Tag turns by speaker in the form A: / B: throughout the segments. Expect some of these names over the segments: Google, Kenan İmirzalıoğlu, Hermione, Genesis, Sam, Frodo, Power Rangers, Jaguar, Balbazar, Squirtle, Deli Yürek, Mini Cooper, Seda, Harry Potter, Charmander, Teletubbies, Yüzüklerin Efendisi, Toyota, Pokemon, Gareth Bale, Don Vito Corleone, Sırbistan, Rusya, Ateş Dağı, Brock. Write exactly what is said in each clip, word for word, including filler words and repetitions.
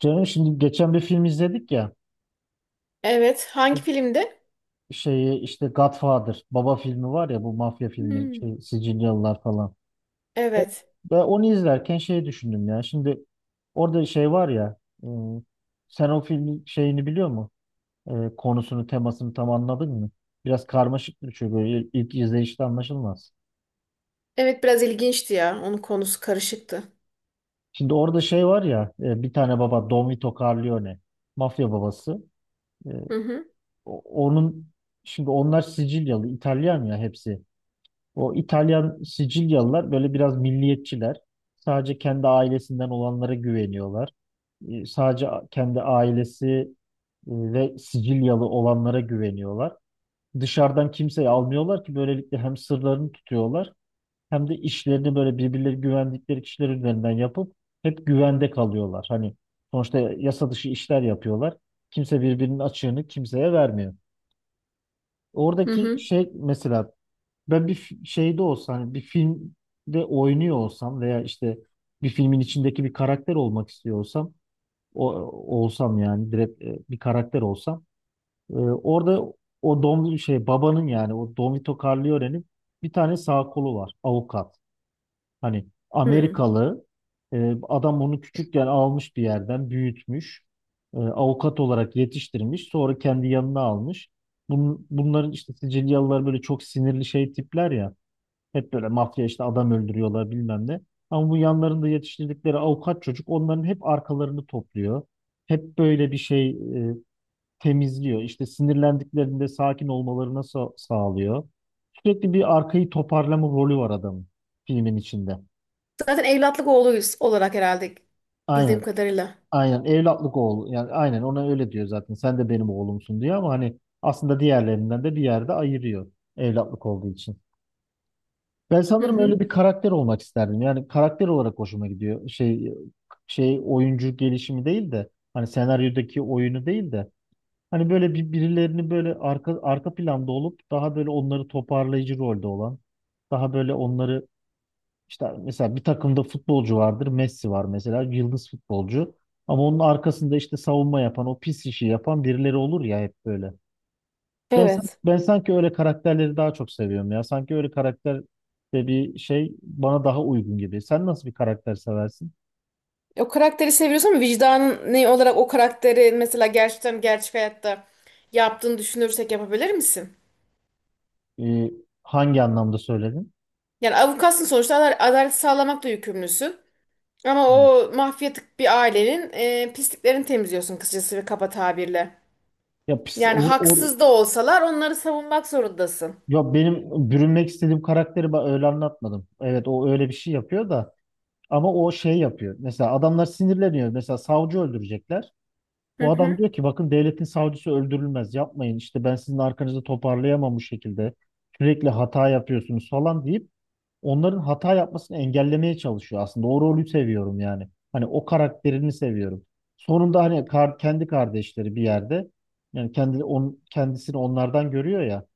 A: Canım şimdi geçen bir film izledik ya
B: Evet. Hangi filmdi?
A: şeyi işte Godfather baba filmi var ya bu mafya filmi
B: Hmm.
A: şey, Sicilyalılar falan. Ve
B: Evet.
A: ve onu izlerken şey düşündüm ya şimdi orada şey var ya e, sen o filmin şeyini biliyor mu? E, konusunu temasını tam anladın mı? Biraz karmaşık bir şey böyle ilk, ilk izleyişte anlaşılmaz.
B: Evet biraz ilginçti ya. Onun konusu karışıktı.
A: Şimdi orada şey var ya e, bir tane baba Don Vito Corleone mafya babası. E,
B: Hı hı.
A: o- onun şimdi onlar Sicilyalı İtalyan ya hepsi. O İtalyan Sicilyalılar böyle biraz milliyetçiler. Sadece kendi ailesinden olanlara güveniyorlar. E, Sadece kendi ailesi e, ve Sicilyalı olanlara güveniyorlar. Dışarıdan kimseyi almıyorlar ki böylelikle hem sırlarını tutuyorlar hem de işlerini böyle birbirleri güvendikleri kişiler üzerinden yapıp hep güvende kalıyorlar. Hani sonuçta yasa dışı işler yapıyorlar. Kimse birbirinin açığını kimseye vermiyor.
B: Hı
A: Oradaki
B: hı.
A: şey mesela ben bir fi- şeyde olsa hani bir filmde oynuyor olsam veya işte bir filmin içindeki bir karakter olmak istiyorsam, o olsam yani direkt e, bir karakter olsam, e, orada o Don şey babanın yani o Don Vito Corleone'nin bir tane sağ kolu var, avukat. Hani
B: Hmm.
A: Amerikalı e, adam onu küçükken almış bir yerden büyütmüş. e, avukat olarak yetiştirmiş. Sonra kendi yanına almış. Bun- bunların işte Sicilyalılar böyle çok sinirli şey tipler ya. Hep böyle mafya işte adam öldürüyorlar bilmem ne. Ama bu yanlarında yetiştirdikleri avukat çocuk onların hep arkalarını topluyor. Hep böyle bir şey e, temizliyor. İşte sinirlendiklerinde sakin olmalarına sa- sağlıyor. Sürekli bir arkayı toparlama rolü var adamın filmin içinde.
B: Zaten evlatlık oğluyuz olarak herhalde bildiğim
A: Aynen,
B: kadarıyla.
A: aynen evlatlık oğlu. Yani aynen ona öyle diyor zaten. Sen de benim oğlumsun diyor ama hani aslında diğerlerinden de bir yerde ayırıyor evlatlık olduğu için. Ben
B: Hı
A: sanırım
B: hı.
A: öyle bir karakter olmak isterdim. Yani karakter olarak hoşuma gidiyor. Şey şey oyuncu gelişimi değil de hani senaryodaki oyunu değil de hani böyle bir, birilerini böyle arka arka planda olup daha böyle onları toparlayıcı rolde olan daha böyle onları işte mesela bir takımda futbolcu vardır. Messi var mesela yıldız futbolcu. Ama onun arkasında işte savunma yapan, o pis işi yapan birileri olur ya hep böyle. Ben, san-
B: Evet.
A: ben sanki öyle karakterleri daha çok seviyorum ya. Sanki öyle karakter de bir şey bana daha uygun gibi. Sen nasıl bir karakter seversin?
B: O karakteri seviyorsun ama vicdanın ne olarak o karakteri mesela gerçekten gerçek hayatta yaptığını düşünürsek yapabilir misin?
A: Ee, hangi anlamda söyledin?
B: Yani avukatsın sonuçta adal- adalet sağlamakla yükümlüsün. Ama
A: Hmm.
B: o mafyatik bir ailenin e, pisliklerini temizliyorsun kısacası ve kaba tabirle.
A: Ya, pis-
B: Yani
A: o, o-
B: haksız da olsalar onları savunmak zorundasın.
A: ya benim bürünmek istediğim karakteri ben öyle anlatmadım. Evet o öyle bir şey yapıyor da ama o şey yapıyor. Mesela adamlar sinirleniyor. Mesela savcı öldürecekler.
B: Hı
A: Bu adam
B: hı.
A: diyor ki bakın devletin savcısı öldürülmez. Yapmayın işte ben sizin arkanızı toparlayamam bu şekilde. Sürekli hata yapıyorsunuz falan deyip onların hata yapmasını engellemeye çalışıyor aslında. O rolü seviyorum yani. Hani o karakterini seviyorum. Sonunda hani kar- kendi kardeşleri bir yerde yani kendi on, kendisini onlardan görüyor ya.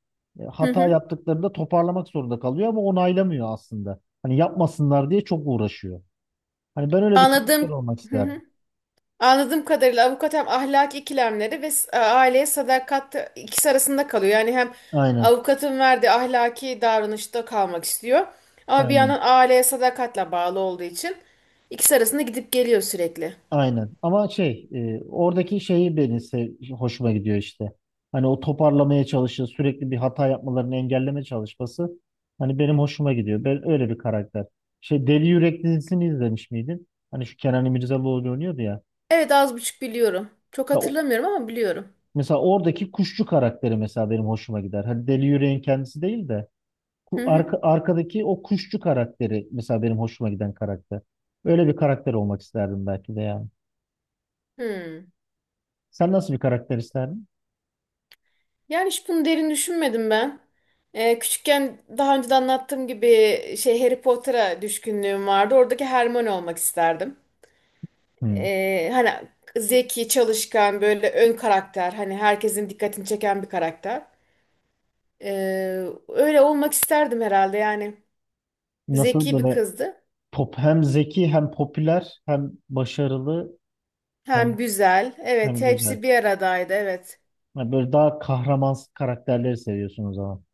A: E,
B: Hı
A: Hata
B: hı.
A: yaptıklarında toparlamak zorunda kalıyor ama onaylamıyor aslında. Hani yapmasınlar diye çok uğraşıyor. Hani ben öyle bir karakter
B: Anladığım
A: olmak
B: hı
A: isterdim.
B: hı. Anladığım kadarıyla avukat hem ahlaki ikilemleri ve s- e, aileye sadakat ikisi arasında kalıyor. Yani hem
A: Aynen.
B: avukatın verdiği ahlaki davranışta kalmak istiyor ama bir yandan
A: Aynen.
B: aileye sadakatle bağlı olduğu için ikisi arasında gidip geliyor sürekli.
A: Aynen. Ama şey, e, oradaki şeyi beni se- hoşuma gidiyor işte. Hani o toparlamaya çalışır, sürekli bir hata yapmalarını engelleme çalışması. Hani benim hoşuma gidiyor. Ben öyle bir karakter. Şey Deli Yürek dizisini izlemiş miydin? Hani şu Kenan İmirzalıoğlu oynuyordu ya.
B: Evet az buçuk biliyorum. Çok
A: Mesela, o-
B: hatırlamıyorum ama biliyorum.
A: mesela oradaki kuşçu karakteri mesela benim hoşuma gider. Hani Deli Yürek'in kendisi değil de
B: Hı
A: ku-
B: hı.
A: arka, arkadaki o kuşçu karakteri mesela benim hoşuma giden karakter. Öyle bir karakter olmak isterdim belki de yani.
B: Hı.
A: Sen nasıl bir karakter isterdin?
B: Yani hiç bunu derin düşünmedim ben. Ee, küçükken daha önce de anlattığım gibi şey Harry Potter'a düşkünlüğüm vardı. Oradaki Hermione olmak isterdim.
A: Hmm.
B: Ee, hani zeki, çalışkan, böyle ön karakter, hani herkesin dikkatini çeken bir karakter. Ee, öyle olmak isterdim herhalde yani.
A: Nasıl
B: Zeki bir
A: böyle
B: kızdı.
A: pop hem zeki hem popüler hem başarılı
B: Hem
A: hem
B: güzel. Evet,
A: hem güzel.
B: hepsi bir aradaydı. Evet.
A: Yani böyle daha kahraman karakterleri seviyorsun o zaman.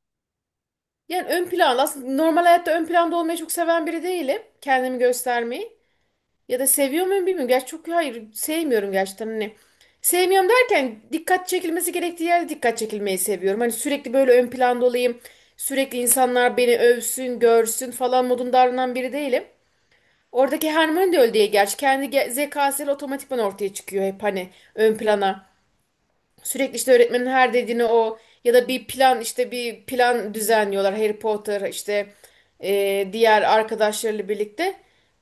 B: Yani ön planda aslında normal hayatta ön planda olmayı çok seven biri değilim. Kendimi göstermeyi. Ya da seviyor muyum bilmiyorum. Gerçi çok hayır sevmiyorum gerçekten hani. Sevmiyorum derken dikkat çekilmesi gerektiği yerde dikkat çekilmeyi seviyorum. Hani sürekli böyle ön planda olayım. Sürekli insanlar beni övsün, görsün falan modunda davranan biri değilim. Oradaki Hermione de öyle değil gerçi. Kendi ge- zekasıyla otomatikman ortaya çıkıyor hep hani ön plana. Sürekli işte öğretmenin her dediğini o ya da bir plan işte bir plan düzenliyorlar Harry Potter işte e, diğer arkadaşlarıyla birlikte.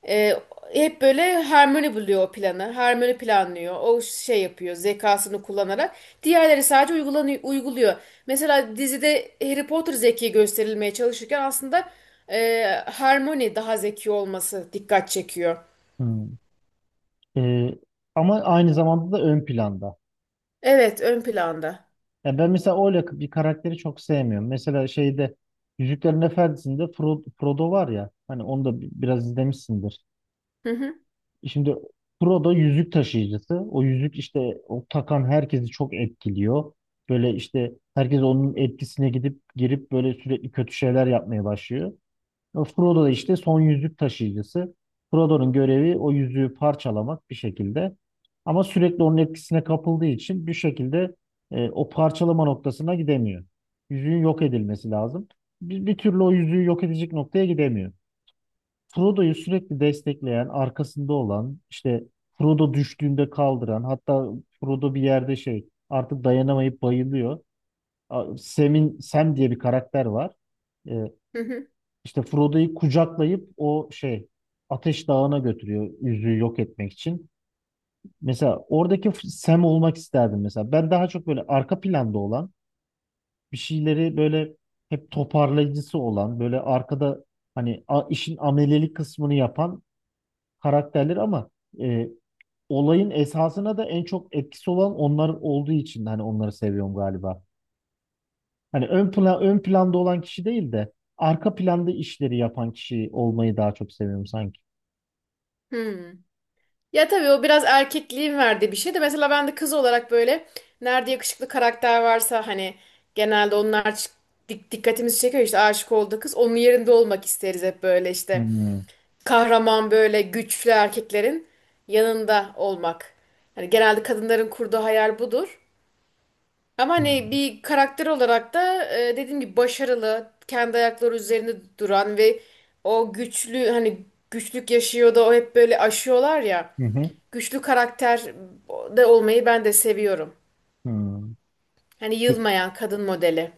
B: E, hep böyle Hermione buluyor o planı. Hermione planlıyor. O şey yapıyor zekasını kullanarak. Diğerleri sadece uygulanıyor, uyguluyor. Mesela dizide Harry Potter zeki gösterilmeye çalışırken aslında e, Hermione daha zeki olması dikkat çekiyor.
A: Hmm. Ee, ama aynı zamanda da ön planda.
B: Evet ön planda.
A: Ya ben mesela öyle bir karakteri çok sevmiyorum. Mesela şeyde Yüzüklerin Efendisi'nde Fro- Frodo var ya. Hani onu da bi- biraz izlemişsindir.
B: Hı hı
A: E, Şimdi Pro'da yüzük taşıyıcısı. O yüzük işte o takan herkesi çok etkiliyor. Böyle işte herkes onun etkisine gidip girip böyle sürekli kötü şeyler yapmaya başlıyor. Ama Frodo da işte son yüzük taşıyıcısı. Frodo'nun görevi o yüzüğü parçalamak bir şekilde. Ama sürekli onun etkisine kapıldığı için bir şekilde e, o parçalama noktasına gidemiyor. Yüzüğün yok edilmesi lazım. Bir, bir türlü o yüzüğü yok edecek noktaya gidemiyor. Frodo'yu sürekli destekleyen, arkasında olan, işte Frodo düştüğünde kaldıran, hatta Frodo bir yerde şey artık dayanamayıp bayılıyor. A- Sam'in Sam diye bir karakter var. Ee,
B: hı hı.
A: işte Frodo'yu kucaklayıp o şey Ateş Dağı'na götürüyor yüzüğü yok etmek için. Mesela oradaki F- Sam olmak isterdim mesela. Ben daha çok böyle arka planda olan, bir şeyleri böyle hep toparlayıcısı olan, böyle arkada hani a- işin amelelik kısmını yapan karakterleri ama e, olayın esasına da en çok etkisi olan onlar olduğu için hani onları seviyorum galiba. Hani ön plan ön planda olan kişi değil de arka planda işleri yapan kişi olmayı daha çok seviyorum sanki.
B: Hı. Ya tabii o biraz erkekliğin verdiği bir şey de mesela ben de kız olarak böyle nerede yakışıklı karakter varsa hani genelde onlar ç- dik- dikkatimizi çekiyor işte aşık olduğu kız onun yerinde olmak isteriz hep böyle işte
A: Hmm.
B: kahraman böyle güçlü erkeklerin yanında olmak. Hani genelde kadınların kurduğu hayal budur. Ama hani bir karakter olarak da e, dediğim gibi başarılı, kendi ayakları üzerinde duran ve o güçlü hani güçlük yaşıyor da o hep böyle aşıyorlar ya.
A: Hı hı.
B: Güçlü karakter de olmayı ben de seviyorum.
A: Hı.
B: Hani
A: Pe-
B: yılmayan kadın modeli.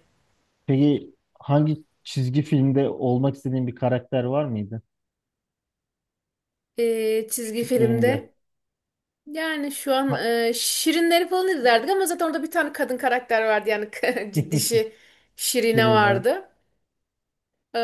A: Peki hangi çizgi filmde olmak istediğin bir karakter var mıydı?
B: E, çizgi
A: Küçüklüğünde.
B: filmde yani şu an
A: Ha-
B: e, Şirinleri falan izlerdik ama zaten orada bir tane kadın karakter vardı yani ciddişi Şirine
A: Şirin.
B: vardı. Ee,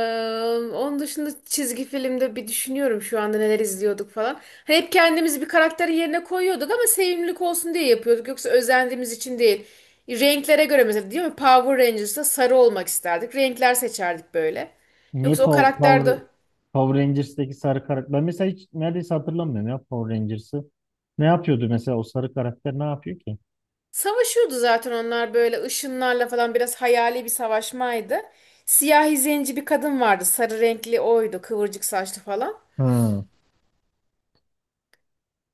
B: onun dışında çizgi filmde bir düşünüyorum şu anda neler izliyorduk falan. Hani hep kendimizi bir karakterin yerine koyuyorduk ama sevimlilik olsun diye yapıyorduk. Yoksa özendiğimiz için değil. Renklere göre mesela değil mi? Power Rangers'ta sarı olmak isterdik. Renkler seçerdik böyle.
A: Niye
B: Yoksa o
A: Pow-
B: karakter de
A: Power, Power Rangers'teki sarı karakter? Ben mesela hiç neredeyse hatırlamıyorum ya Power Rangers'ı. Ne yapıyordu mesela o sarı karakter ne yapıyor ki?
B: savaşıyordu zaten onlar böyle ışınlarla falan biraz hayali bir savaşmaydı. Siyahi zenci bir kadın vardı. Sarı renkli oydu. Kıvırcık saçlı falan.
A: Hmm.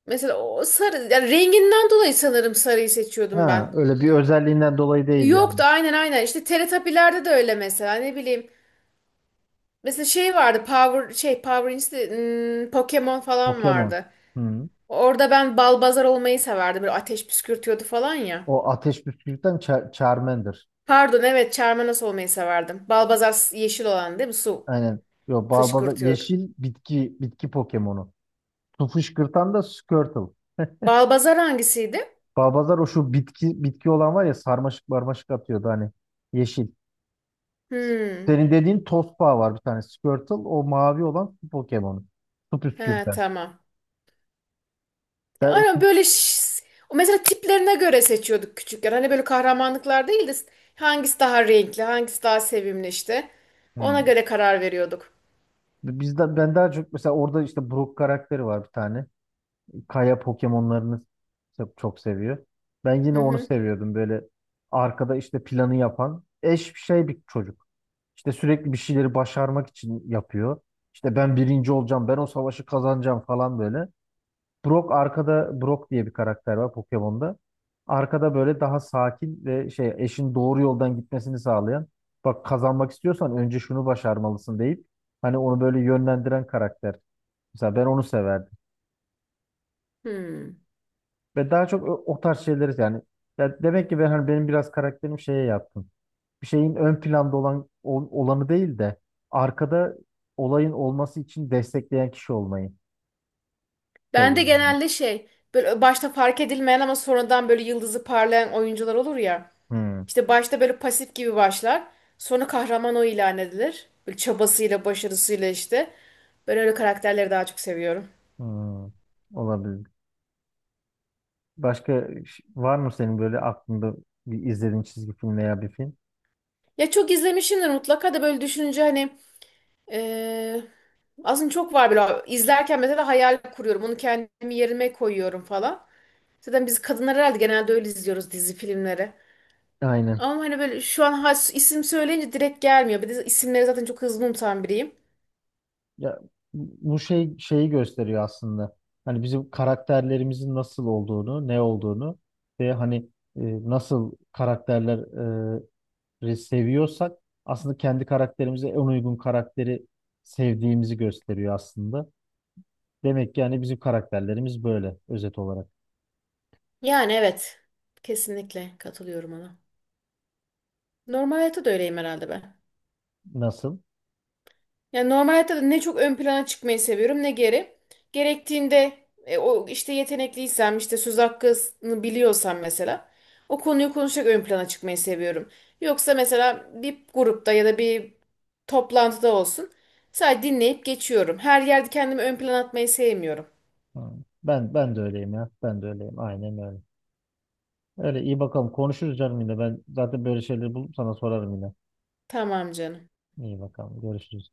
B: Mesela o sarı yani renginden dolayı sanırım sarıyı seçiyordum
A: Ha,
B: ben.
A: öyle bir özelliğinden dolayı değil yani.
B: Yoktu aynen aynen. İşte Teletubbies'lerde de öyle mesela ne bileyim. Mesela şey vardı Power şey Power Rangers değil, hmm, Pokemon falan
A: Pokemon.
B: vardı.
A: Hmm.
B: Orada ben Balbazar olmayı severdim. Böyle ateş püskürtüyordu falan ya.
A: O ateş püskürten Char Charmander.
B: Pardon evet Charmander olmayı severdim. Balbazar s- yeşil olan değil mi? Su
A: Aynen. Yo, Balbazar
B: fışkırtıyordu.
A: yeşil bitki bitki Pokemon'u. Su fışkırtan da Squirtle.
B: Balbazar hangisiydi?
A: Balbazar o şu bitki bitki olan var ya sarmaşık marmaşık atıyordu hani yeşil.
B: Hmm.
A: Senin dediğin Tospa var bir tane. Squirtle o mavi olan su Pokemon'u. Su
B: He
A: püskürten.
B: tamam.
A: Ben,
B: Aynen böyle ş- o mesela tiplerine göre seçiyorduk küçükken. Hani böyle kahramanlıklar değil de hangisi daha renkli, hangisi daha sevimli işte. Ona
A: hmm.
B: göre karar veriyorduk.
A: Bizden, ben daha çok mesela orada işte Brook karakteri var bir tane. Kaya Pokemon'larını çok, çok seviyor. Ben
B: Hı
A: yine onu
B: hı.
A: seviyordum böyle arkada işte planı yapan eş bir şey bir çocuk. İşte sürekli bir şeyleri başarmak için yapıyor. İşte ben birinci olacağım, ben o savaşı kazanacağım falan böyle. Brock arkada Brock diye bir karakter var Pokemon'da. Arkada böyle daha sakin ve şey eşin doğru yoldan gitmesini sağlayan. Bak kazanmak istiyorsan önce şunu başarmalısın deyip hani onu böyle yönlendiren karakter. Mesela ben onu severdim.
B: Hmm.
A: Ve daha çok o, o tarz şeyleri yani ya demek ki ben hani benim biraz karakterim şeye yatkın. Bir şeyin ön planda olan ol- olanı değil de arkada olayın olması için destekleyen kişi olmayı
B: Ben de
A: seviyorum.
B: genelde şey böyle başta fark edilmeyen ama sonradan böyle yıldızı parlayan oyuncular olur ya.
A: Hmm.
B: İşte başta böyle pasif gibi başlar. Sonra kahraman o ilan edilir. Böyle çabasıyla, başarısıyla işte. Ben öyle karakterleri daha çok seviyorum.
A: Hmm. Olabilir. Başka ş- var mı senin böyle aklında bir izlediğin çizgi film veya bir film?
B: Ya çok izlemişimdir mutlaka da böyle düşününce hani Ee, aslında çok var böyle. İzlerken mesela hayal kuruyorum. Onu kendimi yerime koyuyorum falan. Zaten biz kadınlar herhalde genelde öyle izliyoruz dizi filmleri.
A: Aynen.
B: Ama hani böyle şu an has- isim söyleyince direkt gelmiyor. Bir de isimleri zaten çok hızlı unutan biriyim.
A: Ya bu şey şeyi gösteriyor aslında. Hani bizim karakterlerimizin nasıl olduğunu, ne olduğunu ve hani e, nasıl karakterleri seviyorsak aslında kendi karakterimize en uygun karakteri sevdiğimizi gösteriyor aslında. Demek ki yani bizim karakterlerimiz böyle özet olarak.
B: Yani evet. Kesinlikle katılıyorum ona. Normal hayatta da öyleyim herhalde ben.
A: Nasıl?
B: Yani normal hayatta da ne çok ön plana çıkmayı seviyorum ne geri. Gerektiğinde e, o işte yetenekliysem işte söz hakkını biliyorsam mesela o konuyu konuşarak ön plana çıkmayı seviyorum. Yoksa mesela bir grupta ya da bir toplantıda olsun sadece dinleyip geçiyorum. Her yerde kendimi ön plana atmayı sevmiyorum.
A: Ha, Ben ben de öyleyim ya. Ben de öyleyim. Aynen öyle. Öyle iyi bakalım. Konuşuruz canım yine. Ben zaten böyle şeyleri bulup sana sorarım yine.
B: Tamam canım.
A: İyi bakalım. Görüşürüz.